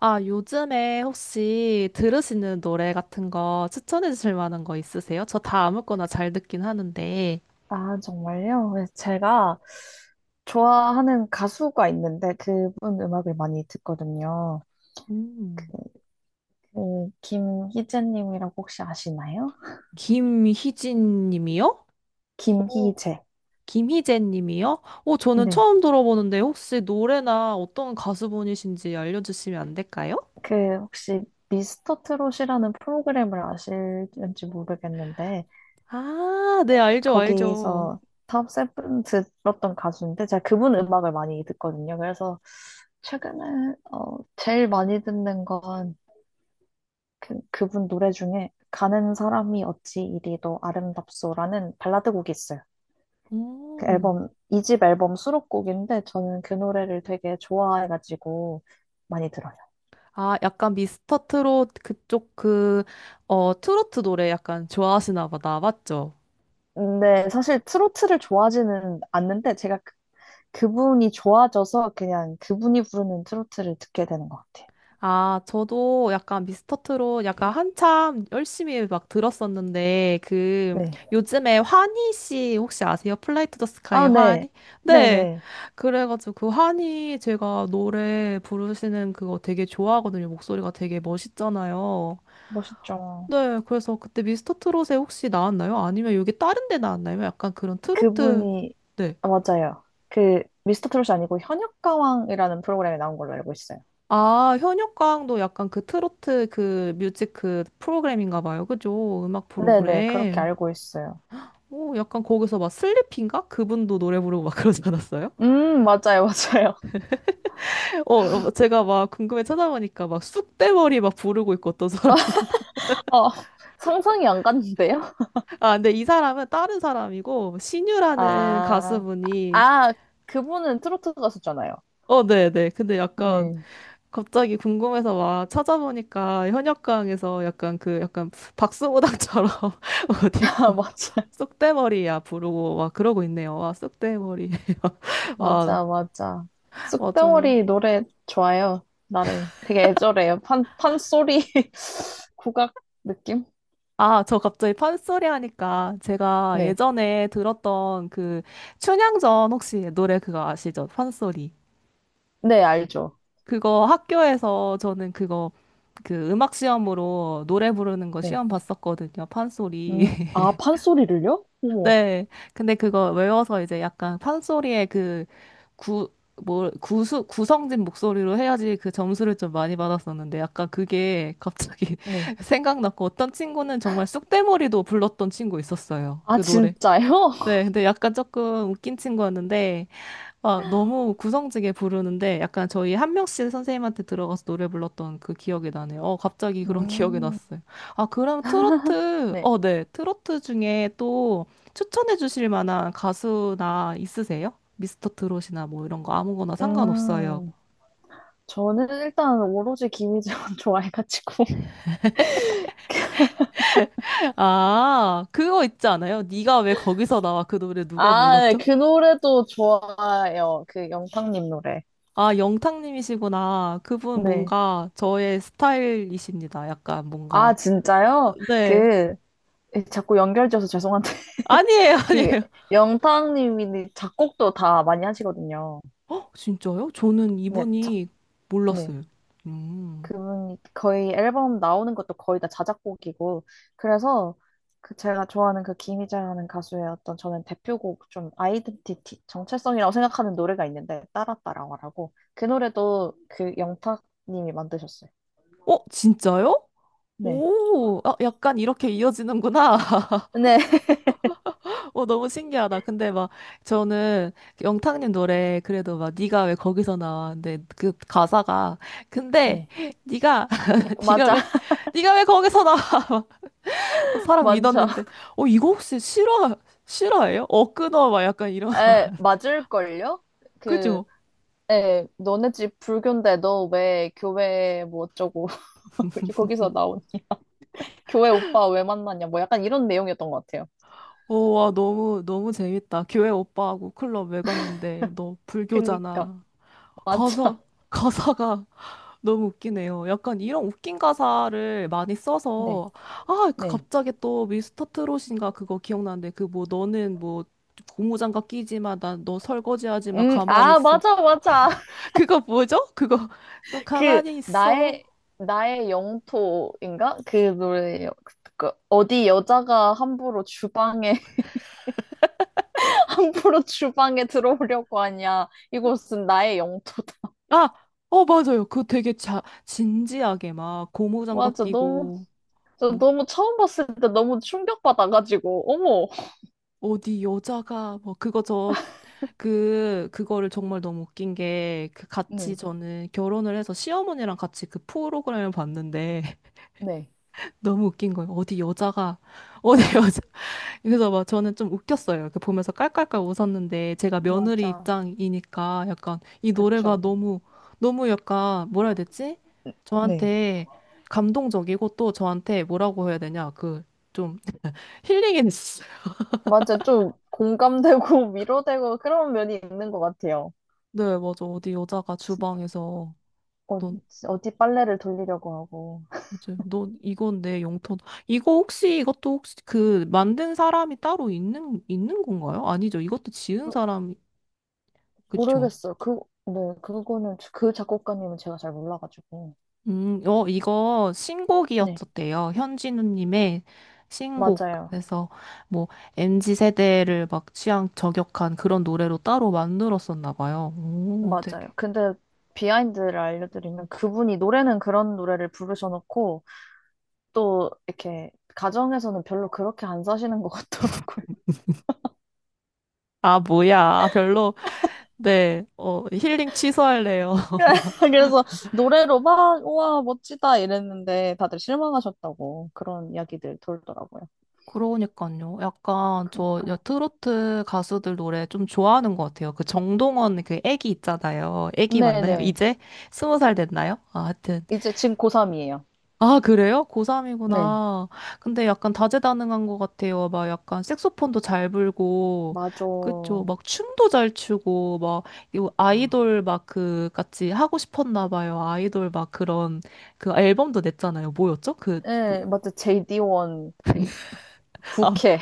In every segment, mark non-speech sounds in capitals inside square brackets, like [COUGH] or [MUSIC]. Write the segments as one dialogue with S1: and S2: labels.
S1: 아, 요즘에 혹시 들으시는 노래 같은 거 추천해 주실 만한 거 있으세요? 저 다 아무거나 잘 듣긴 하는데.
S2: 아, 정말요? 네, 제가 좋아하는 가수가 있는데 그분 음악을 많이 듣거든요. 그,
S1: 음.
S2: 그 김희재님이라고 혹시 아시나요?
S1: 김희진 님이요? 오,
S2: 김희재.
S1: 김희재 님이요? 오, 저는
S2: 네.
S1: 처음 들어보는데 혹시 노래나 어떤 가수분이신지 알려주시면 안 될까요?
S2: 그 혹시 미스터 트롯이라는 프로그램을 아실지 모르겠는데
S1: 아, 네, 알죠, 알죠.
S2: 거기서 탑 세븐 들었던 가수인데 제가 그분 음악을 많이 듣거든요. 그래서 최근에 제일 많이 듣는 건 그, 그분 노래 중에 가는 사람이 어찌 이리도 아름답소라는 발라드 곡이 있어요. 그
S1: 음.
S2: 앨범, 이집 앨범 수록곡인데 저는 그 노래를 되게 좋아해가지고 많이 들어요.
S1: 아, 약간 미스터 트롯 그쪽 그, 어, 트로트 노래 약간 좋아하시나 보다. 맞죠?
S2: 근데 사실 트로트를 좋아하지는 않는데 제가 그, 그분이 좋아져서 그냥 그분이 부르는 트로트를 듣게 되는 것 같아요.
S1: 아, 저도 약간 미스터 트롯 약간 한참 열심히 막 들었었는데, 그,
S2: 네.
S1: 요즘에 환희 씨 혹시 아세요? 플라이 투 더 스카이의
S2: 아, 네.
S1: 환희? 네.
S2: 네네.
S1: 그래가지고 그 환희 제가 노래 부르시는 그거 되게 좋아하거든요. 목소리가 되게 멋있잖아요.
S2: 멋있죠.
S1: 네. 그래서 그때 미스터 트롯에 혹시 나왔나요? 아니면 여기 다른 데 나왔나요? 약간 그런 트로트.
S2: 그분이,
S1: 네.
S2: 아, 맞아요. 그, 미스터 트롯이 아니고 현역가왕이라는 프로그램에 나온 걸로 알고 있어요.
S1: 아, 현역가왕도 약간 그 트로트 그 뮤직 그 프로그램인가 봐요. 그죠? 음악
S2: 네네, 그렇게
S1: 프로그램.
S2: 알고 있어요.
S1: 오, 약간 거기서 막 슬리피인가? 그분도 노래 부르고 막 그러지 않았어요?
S2: 맞아요, 맞아요.
S1: [LAUGHS] 어, 어, 제가 막 궁금해 찾아보니까 막 쑥대머리 막 부르고 있고 어떤 사람.
S2: [LAUGHS] 어, 상상이 안 갔는데요?
S1: [LAUGHS] 아, 근데 이 사람은 다른 사람이고, 신유라는
S2: 아,
S1: 가수분이,
S2: 아, 그분은 트로트 가수잖아요.
S1: 어, 네네. 근데 약간
S2: 네.
S1: 갑자기 궁금해서 막 찾아보니까 현역가왕에서 약간 그, 약간 박수무당처럼 [LAUGHS]
S2: [LAUGHS]
S1: 옷
S2: 아,
S1: 입고.
S2: 맞아,
S1: 쑥대머리야 부르고 와 그러고 있네요. 와 쑥대머리. [LAUGHS] 와
S2: 맞아, 맞아.
S1: 맞아요.
S2: 쑥대머리 노래 좋아요. 나름 되게 애절해요. 판소리 [LAUGHS] 국악 느낌?
S1: 아, 저 갑자기 판소리 하니까 제가
S2: 네,
S1: 예전에 들었던 그 춘향전 혹시 노래 그거 아시죠? 판소리.
S2: 네, 알죠.
S1: 그거 학교에서 저는 그거 그 음악 시험으로 노래 부르는 거
S2: 네.
S1: 시험 봤었거든요. 판소리. [LAUGHS]
S2: 아, 판소리를요? 어머.
S1: 네. 근데 그거 외워서 이제 약간 판소리의 그 구, 뭐, 구수, 구성진 목소리로 해야지 그 점수를 좀 많이 받았었는데 약간 그게 갑자기
S2: 네.
S1: [LAUGHS] 생각났고 어떤 친구는 정말 쑥대머리도 불렀던 친구 있었어요.
S2: 아,
S1: 그 노래.
S2: 진짜요?
S1: 네.
S2: [LAUGHS]
S1: 근데 약간 조금 웃긴 친구였는데 아, 너무 구성지게 부르는데 약간 저희 한 명씩 선생님한테 들어가서 노래 불렀던 그 기억이 나네요. 어, 갑자기 그런 [LAUGHS] 기억이
S2: 음,
S1: 났어요. 아, 그럼 트로트,
S2: 네.
S1: 어, 네. 트로트 중에 또 추천해 주실 만한 가수나 있으세요? 미스터 트롯이나 뭐 이런 거 아무거나 상관없어요.
S2: 음. 저는 일단 오로지 김희재만 [LAUGHS] 좋아해가지고.
S1: 아, 그거 있지 않아요? 네가 왜 거기서 나와? 그 노래 누가
S2: 아, 네,
S1: 불렀죠?
S2: 그 노래도 좋아요. 그 영탁님 노래.
S1: 아, 영탁님이시구나. 그분
S2: 네.
S1: 뭔가 저의 스타일이십니다. 약간
S2: 아,
S1: 뭔가.
S2: 진짜요?
S1: 네.
S2: 그, 자꾸 연결지어서 죄송한데.
S1: 아니에요, [LAUGHS]
S2: [LAUGHS] 이게
S1: 아니에요.
S2: 영탁님이 작곡도 다 많이 하시거든요.
S1: 어, 진짜요? 저는
S2: 네, 자,
S1: 이분이
S2: 네.
S1: 몰랐어요. 음.
S2: 그분이 거의 앨범 나오는 것도 거의 다 자작곡이고 그래서 그 제가 좋아하는 그 김희재라는 가수의 어떤 저는 대표곡 좀 아이덴티티 정체성이라고 생각하는 노래가 있는데 따라 따라와라고 그 노래도 그 영탁님이 만드셨어요.
S1: 어, 진짜요?
S2: 네.
S1: 오, 아, 약간 이렇게 이어지는구나. [LAUGHS]
S2: 네. [LAUGHS]
S1: 어, 너무 신기하다. 근데 막 저는 영탁님 노래 그래도 막 네가 왜 거기서 나와? 근데 그 가사가 근데
S2: 네.
S1: 네가 [LAUGHS] 네가
S2: 맞아.
S1: 왜
S2: [LAUGHS]
S1: 네가 왜 거기서 나와? [LAUGHS] 막 사랑
S2: 맞아.
S1: 믿었는데 어 이거 혹시 실화 실화예요? 어 끊어 막 약간 이런 [LAUGHS]
S2: 에, 맞을걸요? 그
S1: 그죠?
S2: 에, 너네 집 불교인데 너 왜 교회 뭐 어쩌고 [LAUGHS] 거기서 나오니? [LAUGHS] 교회 오빠 왜 만났냐? 뭐 약간 이런 내용이었던 것 같아요.
S1: 오, 와, 너무, 너무 재밌다. 교회 오빠하고 클럽 왜 갔는데, 너
S2: 그니까.
S1: 불교잖아.
S2: 맞아.
S1: 가사, 가사가 [LAUGHS] 너무 웃기네요. 약간 이런 웃긴 가사를 많이
S2: 네.
S1: 써서, 아, 그
S2: 네.
S1: 갑자기 또 미스터 트롯인가 그거 기억나는데, 그 뭐, 너는 뭐, 고무장갑 끼지 마, 난 너 설거지 하지 마, 가만히
S2: 아,
S1: 있어.
S2: 맞아, 맞아.
S1: 그거 뭐죠? 그거, [LAUGHS] 너
S2: [LAUGHS] 그,
S1: 가만히 있어.
S2: 나의 영토인가? 그 노래, 그, 그 어디 여자가 함부로 주방에, [LAUGHS] 함부로 주방에 들어오려고 하냐. 이곳은 나의 영토다. [LAUGHS]
S1: 아, 어, 맞아요. 그 되게 자, 진지하게 막 고무장갑
S2: 맞아, 너무,
S1: 끼고,
S2: 저
S1: 뭐
S2: 너무 처음 봤을 때 너무 충격받아가지고, 어머.
S1: 어디 여자가 뭐 그거 저 그 그거를 정말 너무 웃긴 게 그 같이
S2: 네,
S1: 저는 결혼을 해서 시어머니랑 같이 그 프로그램을 봤는데
S2: 네.
S1: [LAUGHS] 너무 웃긴 거예요. 어디 여자가 어디 [LAUGHS] 여자 그래서 막 저는 좀 웃겼어요. 그 보면서 깔깔깔 웃었는데 제가 며느리
S2: 맞아.
S1: 입장이니까 약간 이 노래가
S2: 그쵸.
S1: 너무 너무 약간 뭐라 해야 되지?
S2: 네.
S1: 저한테 감동적이고 또 저한테 뭐라고 해야 되냐 그 좀 힐링이 됐어요. [LAUGHS]
S2: 맞아, 좀 공감되고 [LAUGHS] 위로되고 그런 면이 있는 것 같아요.
S1: 네, 맞아. 어디 여자가 주방에서
S2: 어,
S1: 넌
S2: 어디 빨래를 돌리려고 하고.
S1: 맞아요. 너 이건 내 영토다. 이거 혹시 이것도 혹시 그 만든 사람이 따로 있는 건가요? 아니죠. 이것도 지은
S2: 그-
S1: 사람이 그쵸?
S2: 모르겠어요. 그, 네, 그거는, 저- 그 작곡가님은 제가 잘 몰라가지고.
S1: 어 이거
S2: 네,
S1: 신곡이었었대요. 현진우님의 신곡.
S2: 맞아요.
S1: 그래서 뭐 MZ 세대를 막 취향 저격한 그런 노래로 따로 만들었었나 봐요. 오, 되게.
S2: 맞아요. 근데 비하인드를 알려드리면 그분이 노래는 그런 노래를 부르셔놓고 또 이렇게 가정에서는 별로 그렇게 안 사시는 것 같더라고요.
S1: 아, 뭐야. 아, 별로. 네. 어, 힐링 취소할래요.
S2: [LAUGHS] 그래서 노래로 막, 우와, 멋지다 이랬는데 다들 실망하셨다고 그런 이야기들 돌더라고요.
S1: 그러니까요. 약간
S2: 그러니까요.
S1: 저 여- 트로트 가수들 노래 좀 좋아하는 것 같아요. 그 정동원 그 애기 있잖아요. 애기 맞나요?
S2: 네네.
S1: 이제 20살 됐나요? 아, 하여튼.
S2: 이제 지금 고3이에요.
S1: 아, 그래요?
S2: 네.
S1: 고3이구나. 근데 약간 다재다능한 것 같아요. 막 약간 색소폰도 잘 불고,
S2: 맞아.
S1: 그쵸. 막 춤도 잘 추고, 막, 이
S2: 맞아.
S1: 아이돌 막 그, 같이 하고 싶었나 봐요. 아이돌 막 그런, 그 앨범도 냈잖아요. 뭐였죠? 그, 뭐,
S2: 예, 맞아. JD1, 그,
S1: 아,
S2: 부캐.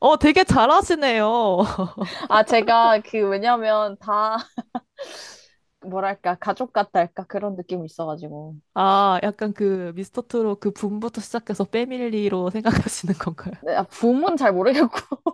S1: 어, 되게 잘하시네요.
S2: [LAUGHS] 아, 제가 그, 왜냐면 다, [LAUGHS] 뭐랄까, 가족 같달까? 그런 느낌이 있어가지고.
S1: 아, 약간 그 미스터 트롯 그 붐부터 시작해서 패밀리로 생각하시는 건가요?
S2: 네, 아, 붐은 잘 모르겠고. [LAUGHS]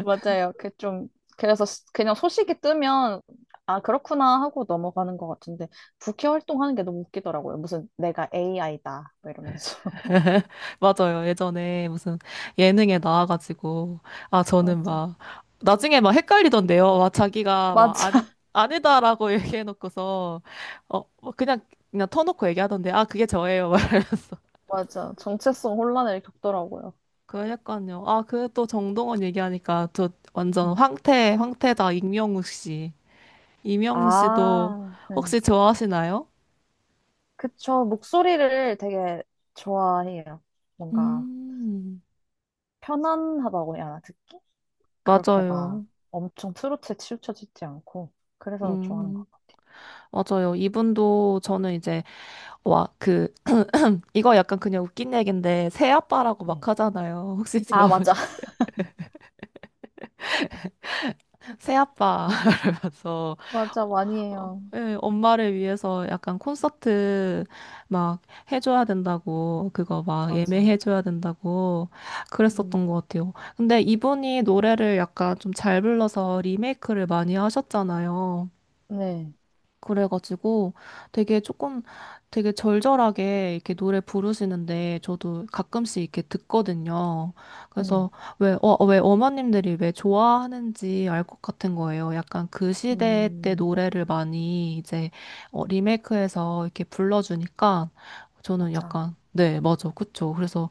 S2: 맞아요. 그 좀, 그래서 스- 그냥 소식이 뜨면, 아, 그렇구나 하고 넘어가는 것 같은데, 부캐 활동하는 게 너무 웃기더라고요. 무슨 내가 AI다. 뭐 이러면서. [LAUGHS]
S1: [LAUGHS] 맞아요. 예전에 무슨 예능에 나와가지고 아 저는
S2: 맞아.
S1: 막 나중에 막 헷갈리던데요. 막 자기가 막
S2: 맞아.
S1: 아니 아니다라고 [LAUGHS] 얘기해놓고서 어뭐 그냥 터놓고 얘기하던데 아 그게 저예요. 막. [LAUGHS]
S2: [LAUGHS] 맞아. 정체성 혼란을 겪더라고요.
S1: 그러니까요. 아 그 또 정동원 얘기하니까 저 완전
S2: 음.
S1: 황태 황태다 임영웅 씨. 임영웅 씨도
S2: 아, 네.
S1: 혹시 좋아하시나요?
S2: 그쵸. 목소리를 되게 좋아해요. 뭔가
S1: 음.
S2: 편안하다고 해야 하나, 듣기? 그렇게 막
S1: 맞아요.
S2: 엄청 트로트에 치우쳐지지 않고. 그래서 좋아하는
S1: 음,
S2: 것 같아요.
S1: 맞아요. 이분도 저는 이제, 와, 그, 이거 약간 그냥 웃긴 얘기인데, 새아빠라고
S2: 네.
S1: 막 하잖아요. 혹시 [LAUGHS]
S2: 아, 맞아.
S1: 들어보셨어요?
S2: [LAUGHS]
S1: 새아빠, [LAUGHS] 이러면서,
S2: 맞아. 많이
S1: 어, 어,
S2: 해요.
S1: 예, 엄마를 위해서 약간 콘서트 막 해줘야 된다고, 그거 막
S2: 맞아.
S1: 예매해줘야 된다고 그랬었던 것
S2: 음,
S1: 같아요. 근데 이분이 노래를 약간 좀 잘 불러서 리메이크를 많이 하셨잖아요.
S2: 네.
S1: 그래가지고 되게 조금 되게 절절하게 이렇게 노래 부르시는데 저도 가끔씩 이렇게 듣거든요.
S2: 네.
S1: 그래서 왜, 어, 왜 어머님들이 왜 좋아하는지 알 것 같은 거예요. 약간 그 시대 때
S2: 음,
S1: 노래를 많이 이제 어, 리메이크해서 이렇게 불러주니까 저는
S2: 맞아.
S1: 약간 네, 맞아. 그쵸. 그래서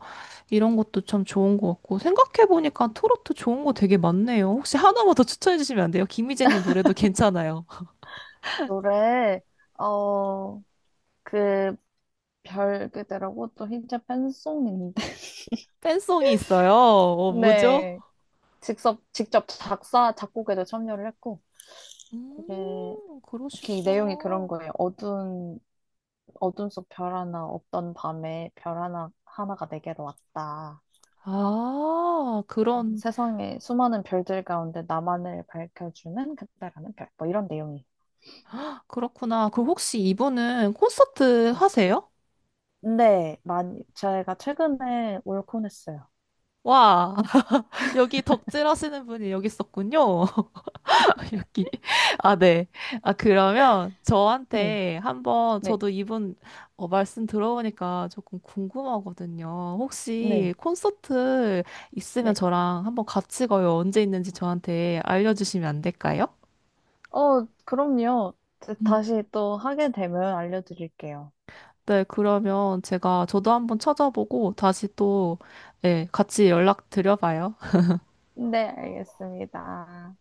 S1: 이런 것도 참 좋은 것 같고 생각해보니까 트로트 좋은 거 되게 많네요. 혹시 하나만 더 추천해주시면 안 돼요? 김희재님 노래도 괜찮아요.
S2: 노래, 어, 그, 별 그대라고 또 흰자 팬송인데. [LAUGHS]
S1: 팬송이 있어요. 어, 뭐죠?
S2: 네. 직접 작사, 작곡에도 참여를 했고. 그게 그 내용이 그런
S1: 그러시구나.
S2: 거예요. 어두운, 어둠 속 별 하나 없던 밤에 별 하나, 하나가 내게로 왔다.
S1: 아, 그런,
S2: 세상에 수많은 별들 가운데 나만을 밝혀주는 그때라는 별. 뭐 이런 내용이.
S1: 그렇구나. 그 혹시 이분은 콘서트 하세요?
S2: 네, 많이, 제가 최근에 올콘 했어요.
S1: 와, [LAUGHS] 여기 덕질 하시는 분이 여기 있었군요. [LAUGHS] 여기. 아, 네. 아, 그러면
S2: 네,
S1: 저한테 한번
S2: 네,
S1: 저도 이분 어, 말씀 들어보니까 조금 궁금하거든요.
S2: 네,
S1: 혹시 콘서트 있으면
S2: 네.
S1: 저랑 한번 같이 가요. 언제 있는지 저한테 알려주시면 안 될까요?
S2: 어, 그럼요. 다시 또 하게 되면 알려드릴게요.
S1: 네, 그러면 제가 저도 한번 찾아보고 다시 또, 네, 같이 연락드려봐요.
S2: 네, 알겠습니다.